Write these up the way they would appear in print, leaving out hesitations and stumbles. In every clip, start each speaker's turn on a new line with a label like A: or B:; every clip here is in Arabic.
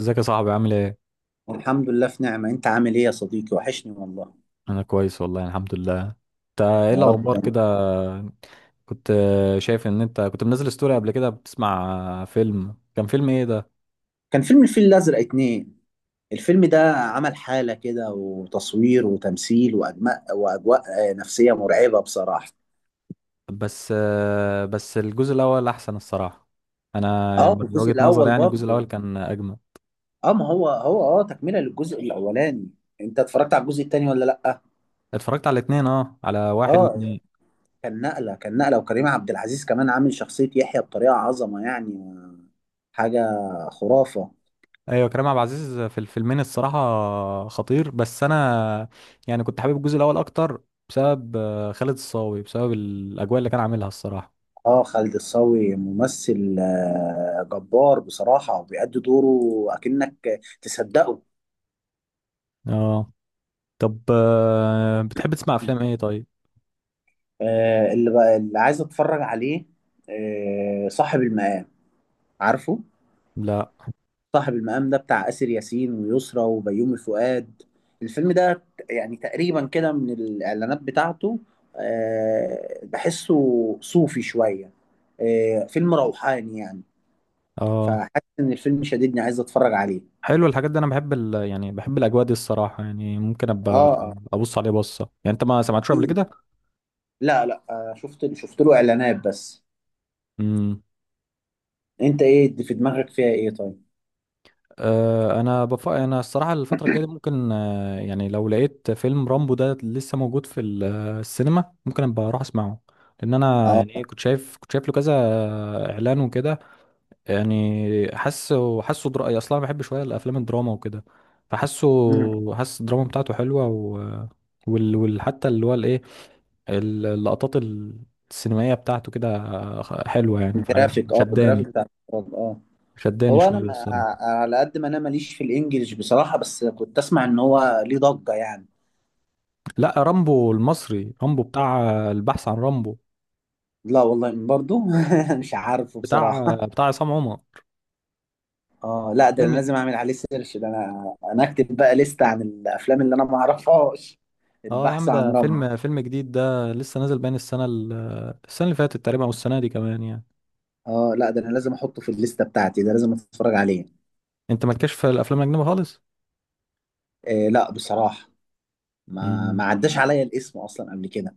A: ازيك يا صاحبي عامل ايه؟
B: الحمد لله في نعمة. انت عامل ايه يا صديقي؟ وحشني والله.
A: انا كويس والله الحمد لله. انت ايه
B: يا رب،
A: الاخبار
B: ده
A: كده؟ كنت شايف ان انت كنت منزل ستوري قبل كده بتسمع فيلم، كان فيلم ايه ده؟
B: كان فيلم الفيل الأزرق اتنين. الفيلم ده عمل حالة كده، وتصوير وتمثيل وأجماء وأجواء نفسية مرعبة بصراحة.
A: بس بس الجزء الاول احسن الصراحة. انا يعني
B: اه،
A: من
B: الجزء
A: وجهة نظري
B: الأول
A: يعني الجزء الاول
B: برضه.
A: كان اجمل.
B: اه، ما هو تكملة للجزء الأولاني. انت اتفرجت على الجزء التاني ولا لأ؟
A: اتفرجت على الاتنين، اه، على واحد
B: اه،
A: واتنين.
B: كان نقلة كان نقلة، وكريم عبد العزيز كمان عامل شخصية يحيى بطريقة عظمة، يعني حاجة خرافة.
A: ايوه كريم عبد العزيز في الفيلمين الصراحة خطير، بس انا يعني كنت حابب الجزء الاول اكتر بسبب خالد الصاوي، بسبب الاجواء اللي كان عاملها الصراحة.
B: اه، خالد الصاوي ممثل جبار بصراحة، وبيأدي دوره أكنك تصدقه.
A: اه طب، بتحب تسمع افلام ايه طيب؟
B: اللي عايز اتفرج عليه، صاحب المقام. عارفه؟
A: لا.
B: صاحب المقام ده بتاع آسر ياسين ويسرى وبيومي فؤاد. الفيلم ده يعني تقريبا كده من الإعلانات بتاعته، بحسه صوفي شوية، فيلم روحاني يعني.
A: اه،
B: فحاسس إن الفيلم شديدني، عايز اتفرج عليه.
A: حلو الحاجات دي، انا بحب يعني بحب الاجواء دي الصراحه، يعني ممكن ابقى
B: اه.
A: ابص عليه بصه، يعني انت ما سمعتش قبل كده؟
B: آه. لا لا، شفت له اعلانات بس.
A: امم
B: انت ايه دي في دماغك؟ فيها ايه طيب؟
A: انا انا الصراحه الفتره الجايه دي ممكن يعني لو لقيت فيلم رامبو ده لسه موجود في السينما، ممكن ابقى اروح اسمعه، لان انا
B: اه.
A: يعني ايه كنت شايف له كذا اعلان وكده، يعني حاسه أصلا أنا بحب شوية الأفلام الدراما وكده،
B: مم.
A: فحاسه حاسس الدراما بتاعته حلوة حتى اللي هو الإيه، اللقطات السينمائية بتاعته كده حلوة، يعني فعلا
B: الجرافيك
A: شداني،
B: بتاع الفرج، اه.
A: شداني
B: هو انا
A: شوية الصراحة.
B: على قد ما انا ماليش في الانجليش بصراحة، بس كنت اسمع ان هو ليه ضجة يعني.
A: لا، رامبو المصري، رامبو بتاع البحث عن رامبو،
B: لا والله برضو. مش عارفه
A: بتاع
B: بصراحة.
A: بتاع عصام عمر.
B: اه لا، ده
A: فيلم.
B: انا لازم اعمل عليه سيرش، ده انا اكتب بقى لستة عن الافلام اللي انا ما اعرفهاش.
A: اه يا عم،
B: البحث عن
A: ده
B: رم.
A: فيلم جديد، ده لسه نازل بين السنة السنة اللي فاتت تقريبا او السنة دي كمان يعني.
B: اه لا، ده انا لازم احطه في الليستة بتاعتي، ده لازم اتفرج عليه.
A: انت مالكش في الافلام الاجنبية خالص؟
B: آه لا بصراحة، ما عداش عليا الاسم اصلا قبل كده.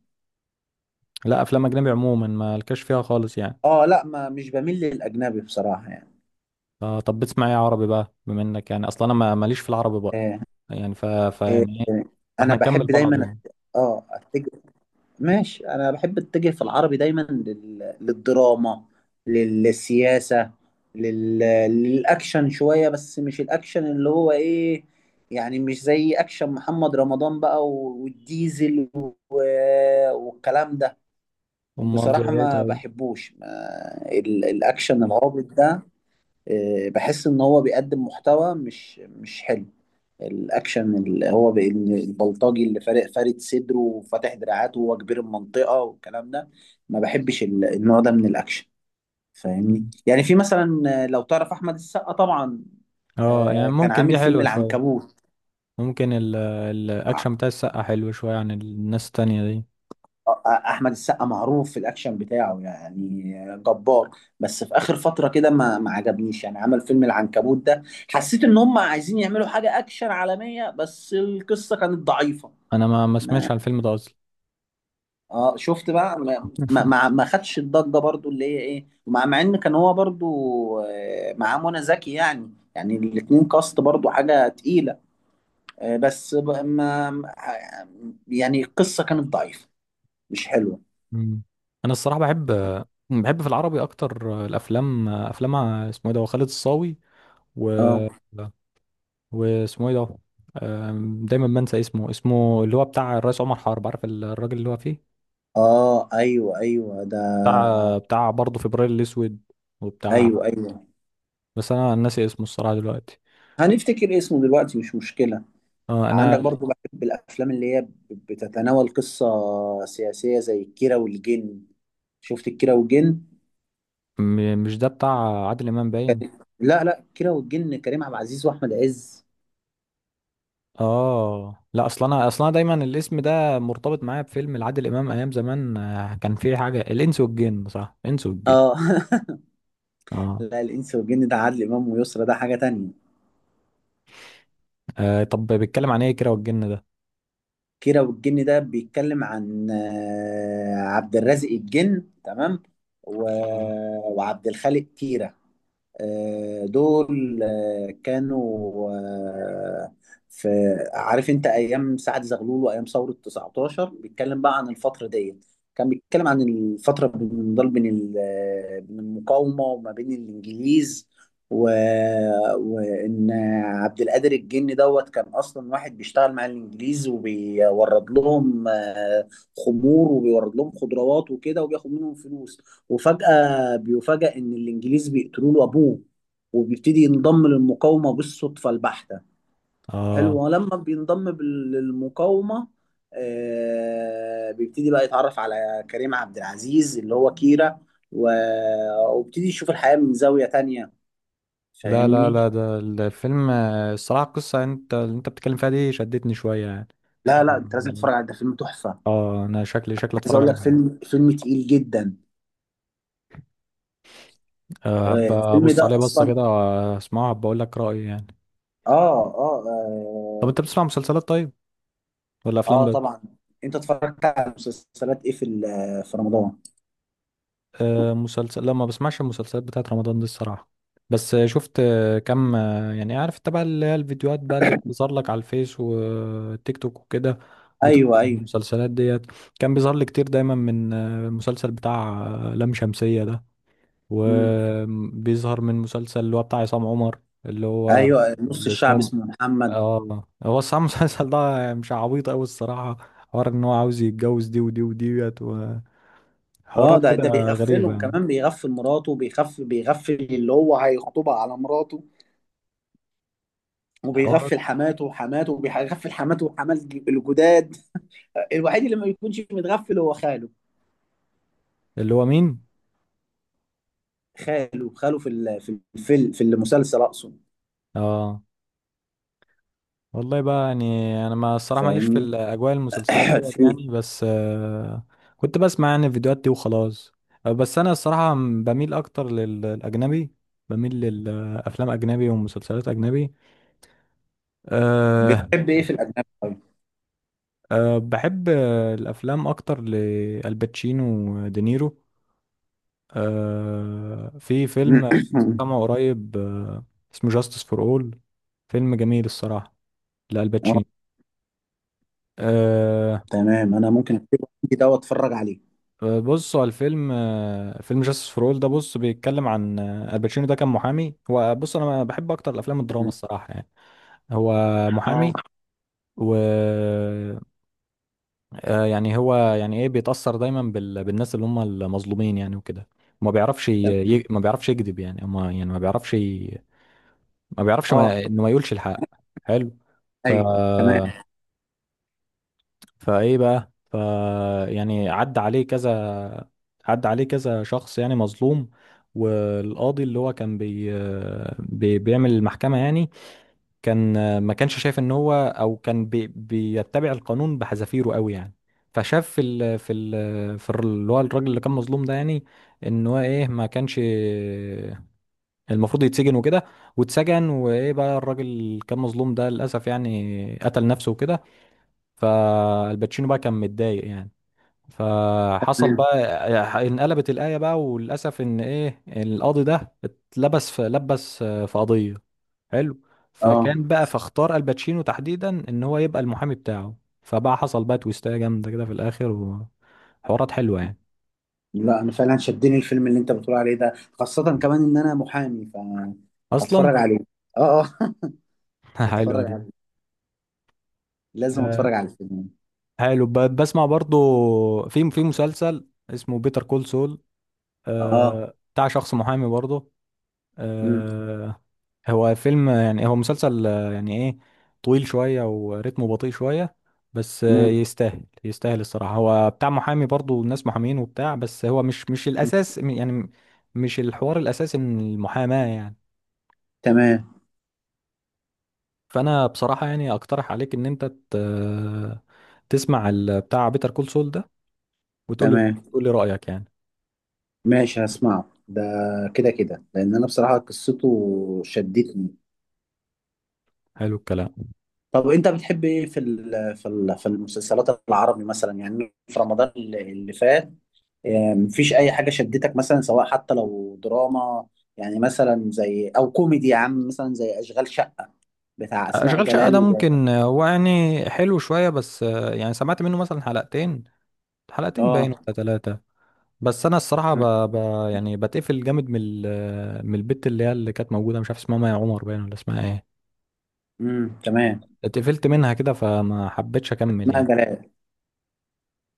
A: لا افلام اجنبي عموما ما لكش فيها خالص يعني.
B: اه لا، ما مش بميل للاجنبي بصراحه يعني.
A: طب بتسمع ايه عربي بقى بما انك يعني اصلا انا ماليش في العربي بقى.
B: آه.
A: يعني فيعني ايه؟
B: آه، انا
A: فاحنا نكمل
B: بحب
A: بعض
B: دايما
A: يعني.
B: اه اتجه. ماشي، انا بحب اتجه في العربي دايما للدراما، للسياسه، لل... للاكشن شويه، بس مش الاكشن اللي هو ايه. يعني مش زي اكشن محمد رمضان بقى والديزل والكلام ده.
A: امال زي
B: بصراحه
A: ايه
B: ما
A: طيب؟
B: بحبوش، ما... الاكشن العابط ده، بحس ان هو بيقدم محتوى مش حلو. الاكشن اللي هو بان البلطجي اللي فارد صدره وفاتح دراعاته، وهو كبير المنطقه والكلام ده. ما بحبش النوع ده من الاكشن. فاهمني؟
A: مم.
B: يعني في مثلا، لو تعرف احمد السقا طبعا،
A: اه يعني
B: كان
A: ممكن
B: عامل
A: دي
B: فيلم
A: حلوه شويه.
B: العنكبوت.
A: ممكن الاكشن بتاع السقا حلو شويه عن الناس التانية دي.
B: احمد السقا معروف في الاكشن بتاعه، يعني جبار. بس في اخر فتره كده ما عجبنيش يعني، عمل فيلم العنكبوت ده، حسيت ان هم عايزين يعملوا حاجه اكشن عالميه، بس القصه كانت ضعيفه.
A: انا ما
B: ما
A: سمعتش عن الفيلم ده اصلا.
B: اه شفت بقى، ما خدش الضجه برضو اللي هي ايه، مع ان كان هو برضو معاه منى زكي، يعني الاتنين كاست برضو حاجه تقيله، بس يعني القصه كانت ضعيفه، مش حلوه.
A: مم. انا الصراحه بحب، في العربي اكتر الافلام، اسمه ايه ده، هو خالد الصاوي و...
B: اه.
A: واسمه ايه ده؟ دايما بنسى اسمه، اسمه اللي هو بتاع الرئيس عمر حرب، عارف الراجل اللي هو فيه،
B: اه ايوه ايوه ده.
A: بتاع برضه فبراير الاسود
B: ايوه
A: وبتاع،
B: ايوه.
A: بس انا ناسي اسمه الصراحه دلوقتي.
B: هنفتكر اسمه دلوقتي، مش مشكله.
A: اه انا.
B: عندك برضو، بحب الافلام اللي هي بتتناول قصه سياسيه، زي الكيرة والجن. شفت الكيرة والجن؟
A: مش ده بتاع عادل امام باين؟
B: لا لا، الكيرة والجن كريم عبد العزيز واحمد عز.
A: اه لا، اصل انا دايما الاسم ده مرتبط معايا بفيلم لعادل امام ايام زمان، كان فيه حاجه الانس والجن، صح، الانس والجن.
B: اه.
A: اه,
B: لا، الانس والجن ده عادل امام ويسرا، ده حاجه تانية.
A: آه طب بيتكلم عن ايه كده والجن ده؟
B: كيرة والجن ده بيتكلم عن عبد الرازق الجن، تمام. و...
A: اه،
B: وعبد الخالق كيرة. دول كانوا آه، في عارف انت ايام سعد زغلول وايام ثوره 19، بيتكلم بقى عن الفتره دي. كان بيتكلم عن الفتره بين ضل- بين ال- آه، بين المقاومه وما بين الانجليز، و... وان عبد القادر الجني دوت كان اصلا واحد بيشتغل مع الانجليز، وبيورد لهم خمور، وبيورد لهم خضروات وكده، وبياخد منهم فلوس. وفجأة بيفاجأ إن الإنجليز بيقتلوا له أبوه، وبيبتدي ينضم للمقاومة بالصدفة البحتة.
A: اه.
B: حلو. ولما بينضم للمقاومة، بيبتدي بقى يتعرف على كريم عبد العزيز اللي هو كيرا، و... وبيبتدي يشوف الحياة من زاوية تانية.
A: لا لا
B: فاهمني؟
A: لا، ده الفيلم، الصراحة القصة اللي انت بتتكلم فيها دي شدتني شوية يعني.
B: لا لا، أنت لازم تتفرج على ده، فيلم تحفة.
A: اه انا شكلي
B: عايز
A: اتفرج
B: أقول
A: عليه
B: لك
A: فعلا.
B: فيلم تقيل جدا.
A: هبقى
B: الفيلم
A: ابص عليه
B: ده
A: بصة
B: أصلا.
A: كده واسمعه، هبقى اقول لك رأيي يعني.
B: آه آه,
A: طب
B: آه
A: انت بتسمع مسلسلات طيب ولا افلام
B: اه
A: بس؟
B: طبعا. انت اتفرجت على مسلسلات ايه في رمضان؟
A: آه، مسلسل لا ما بسمعش المسلسلات بتاعت رمضان دي الصراحة. بس شفت كم يعني عارف تبع اللي هي الفيديوهات بقى اللي بتظهر لك على الفيس والتيك توك وكده بتاع
B: ايوه ايوه.
A: المسلسلات ديت، كان بيظهر لي كتير دايما من المسلسل بتاع لام شمسية ده،
B: امم.
A: وبيظهر من مسلسل اللي هو بتاع عصام عمر اللي هو
B: ايوه، نص
A: اللي
B: الشعب
A: اسمه.
B: اسمه محمد.
A: اه هو الصراحة المسلسل ده مش عبيط أوي الصراحة، حوار إن هو عاوز يتجوز دي ودي وديت
B: اه،
A: وحوارات كده
B: ده
A: غريبة
B: بيغفلهم
A: يعني.
B: كمان، بيغفل مراته، بيغفل اللي هو هيخطبها على مراته،
A: حوارات.
B: وبيغفل حماته وحمات الجداد. الوحيد اللي ما بيكونش متغفل هو خاله.
A: اللي هو مين؟
B: خاله في ال- في الفيلم في المسلسل اقصد.
A: اه والله بقى يعني. انا ما الصراحه ماليش في
B: فاهمني.
A: الاجواء المسلسلات ديت
B: في.
A: يعني، بس كنت بسمع يعني الفيديوهات دي وخلاص. بس انا الصراحه بميل اكتر للاجنبي، بميل للافلام اجنبي ومسلسلات اجنبي. أه
B: بتحب ايه في الاجنبي طيب؟
A: بحب الافلام اكتر لالباتشينو ودينيرو. في فيلم سمعه قريب، اسمه جاستس فور اول، فيلم جميل الصراحه، لالباتشينو. آه،
B: تمام، انا ممكن اكتبه عندي ده واتفرج عليه.
A: بص هو الفيلم، فيلم جاستس فور اول ده، بص بيتكلم عن الباتشينو، ده كان محامي، هو بص انا بحب اكتر الافلام الدراما
B: تمام.
A: الصراحه يعني. هو
B: اه.
A: محامي و يعني هو يعني ايه بيتاثر دايما بالناس اللي هم المظلومين يعني وكده، ما بيعرفش
B: تمام.
A: ما بيعرفش يكذب، يعني ما يعني ما بيعرفش ما بيعرفش ما...
B: اه.
A: انه ما يقولش الحق. حلو. ف
B: ايوه. تمام.
A: فايه بقى يعني عدى عليه كذا، عدى عليه كذا شخص يعني مظلوم. والقاضي اللي هو كان بيعمل المحكمة يعني، كان، ما كانش شايف ان هو او كان بيتبع القانون بحذافيره قوي يعني. فشاف اللي هو الراجل اللي كان مظلوم ده يعني، ان هو ايه، ما كانش المفروض يتسجن وكده، واتسجن، وايه بقى الراجل اللي كان مظلوم ده للاسف يعني قتل نفسه وكده، فالباتشينو بقى كان متضايق يعني. فحصل
B: تمام.
A: بقى، انقلبت الآية بقى، وللأسف إن إيه القاضي ده اتلبس في لبس في قضية. حلو.
B: اه
A: فكان بقى فاختار الباتشينو تحديدا إن هو يبقى المحامي بتاعه، فبقى حصل بقى تويستاية جامدة كده في الآخر وحوارات حلوة يعني.
B: لا، انا فعلا شدني الفيلم اللي انت بتقول عليه ده، خاصة كمان ان انا محامي،
A: أصلا.
B: فهتفرج عليه. اه اه.
A: حلوة
B: هتفرج
A: دي.
B: عليه. لازم
A: آه،
B: اتفرج على الفيلم.
A: حلو، بسمع برضو في مسلسل اسمه بيتر كول سول،
B: اه.
A: بتاع شخص محامي برضو.
B: امم.
A: آه، هو فيلم يعني هو مسلسل، يعني ايه، طويل شوية وريتمه بطيء شوية، بس
B: امم.
A: يستاهل، الصراحة هو بتاع محامي برضو الناس محامين وبتاع، بس هو مش الأساس، يعني مش الحوار الأساسي من المحاماة يعني.
B: تمام.
A: فأنا بصراحة يعني أقترح عليك إن أنت تسمع بتاع بيتر كول سول ده، وتقول لي
B: تمام.
A: تقول لي رأيك يعني.
B: ماشي، هسمعه ده كده كده، لان انا بصراحة قصته شدتني.
A: حلو الكلام.
B: طب انت بتحب ايه في المسلسلات العربي، مثلا يعني في رمضان اللي فات؟ مفيش اي حاجه شدتك مثلا، سواء حتى لو دراما، يعني مثلا زي او كوميدي يا عم، مثلا زي اشغال شقه بتاع اسماء
A: أشغال شقة
B: جلال
A: ده ممكن، هو يعني حلو شوية، بس يعني سمعت منه مثلا حلقتين، حلقتين
B: اه.
A: باين ولا 3. بس انا الصراحه يعني بتقفل جامد من من البت اللي هي اللي كانت موجوده، مش عارف اسمها مي عمر باين ولا اسمها ايه،
B: امم. تمام.
A: اتقفلت منها كده فما حبيتش اكمل
B: اسماء
A: يعني.
B: جلال.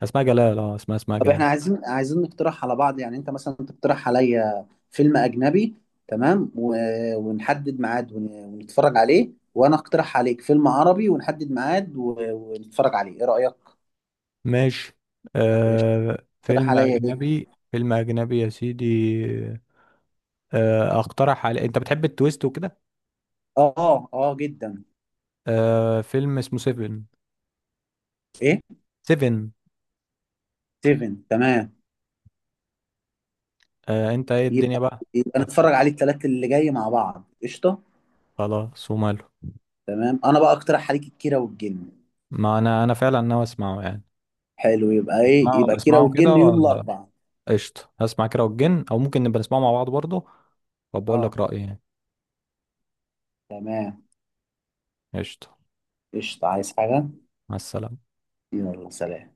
A: اسمها جلال، اه اسمها
B: طب
A: جلال.
B: احنا عايزين نقترح على بعض، يعني انت مثلا تقترح عليا فيلم اجنبي، تمام، ونحدد ميعاد ونتفرج عليه، وانا اقترح عليك فيلم عربي ونحدد ميعاد ونتفرج عليه، ايه رأيك؟
A: ماشي.
B: تقترح
A: فيلم
B: عليا ايه؟
A: اجنبي، يا سيدي. اقترح على، انت بتحب التويست وكده.
B: اه اه، جدا.
A: فيلم اسمه سيفن.
B: ايه؟
A: سيفن.
B: 7. تمام،
A: انت ايه الدنيا
B: يبقى
A: بقى.
B: يبقى
A: آه،
B: نتفرج عليه الثلاث اللي جاي مع بعض، قشطة.
A: خلاص وماله.
B: تمام انا بقى اقترح عليك الكيرة والجن.
A: ما انا فعلا ناوي اسمعه يعني.
B: حلو،
A: اسمعه
B: يبقى كيرة
A: اسمعه كده،
B: والجن يوم الاربعاء.
A: قشطة، هسمع كده والجن أو ممكن نبقى نسمعه مع بعض برضه وبقول
B: اه،
A: لك رأيي يعني.
B: تمام.
A: قشطة.
B: قشطة. عايز حاجة.
A: مع السلامة.
B: يلا، سلام.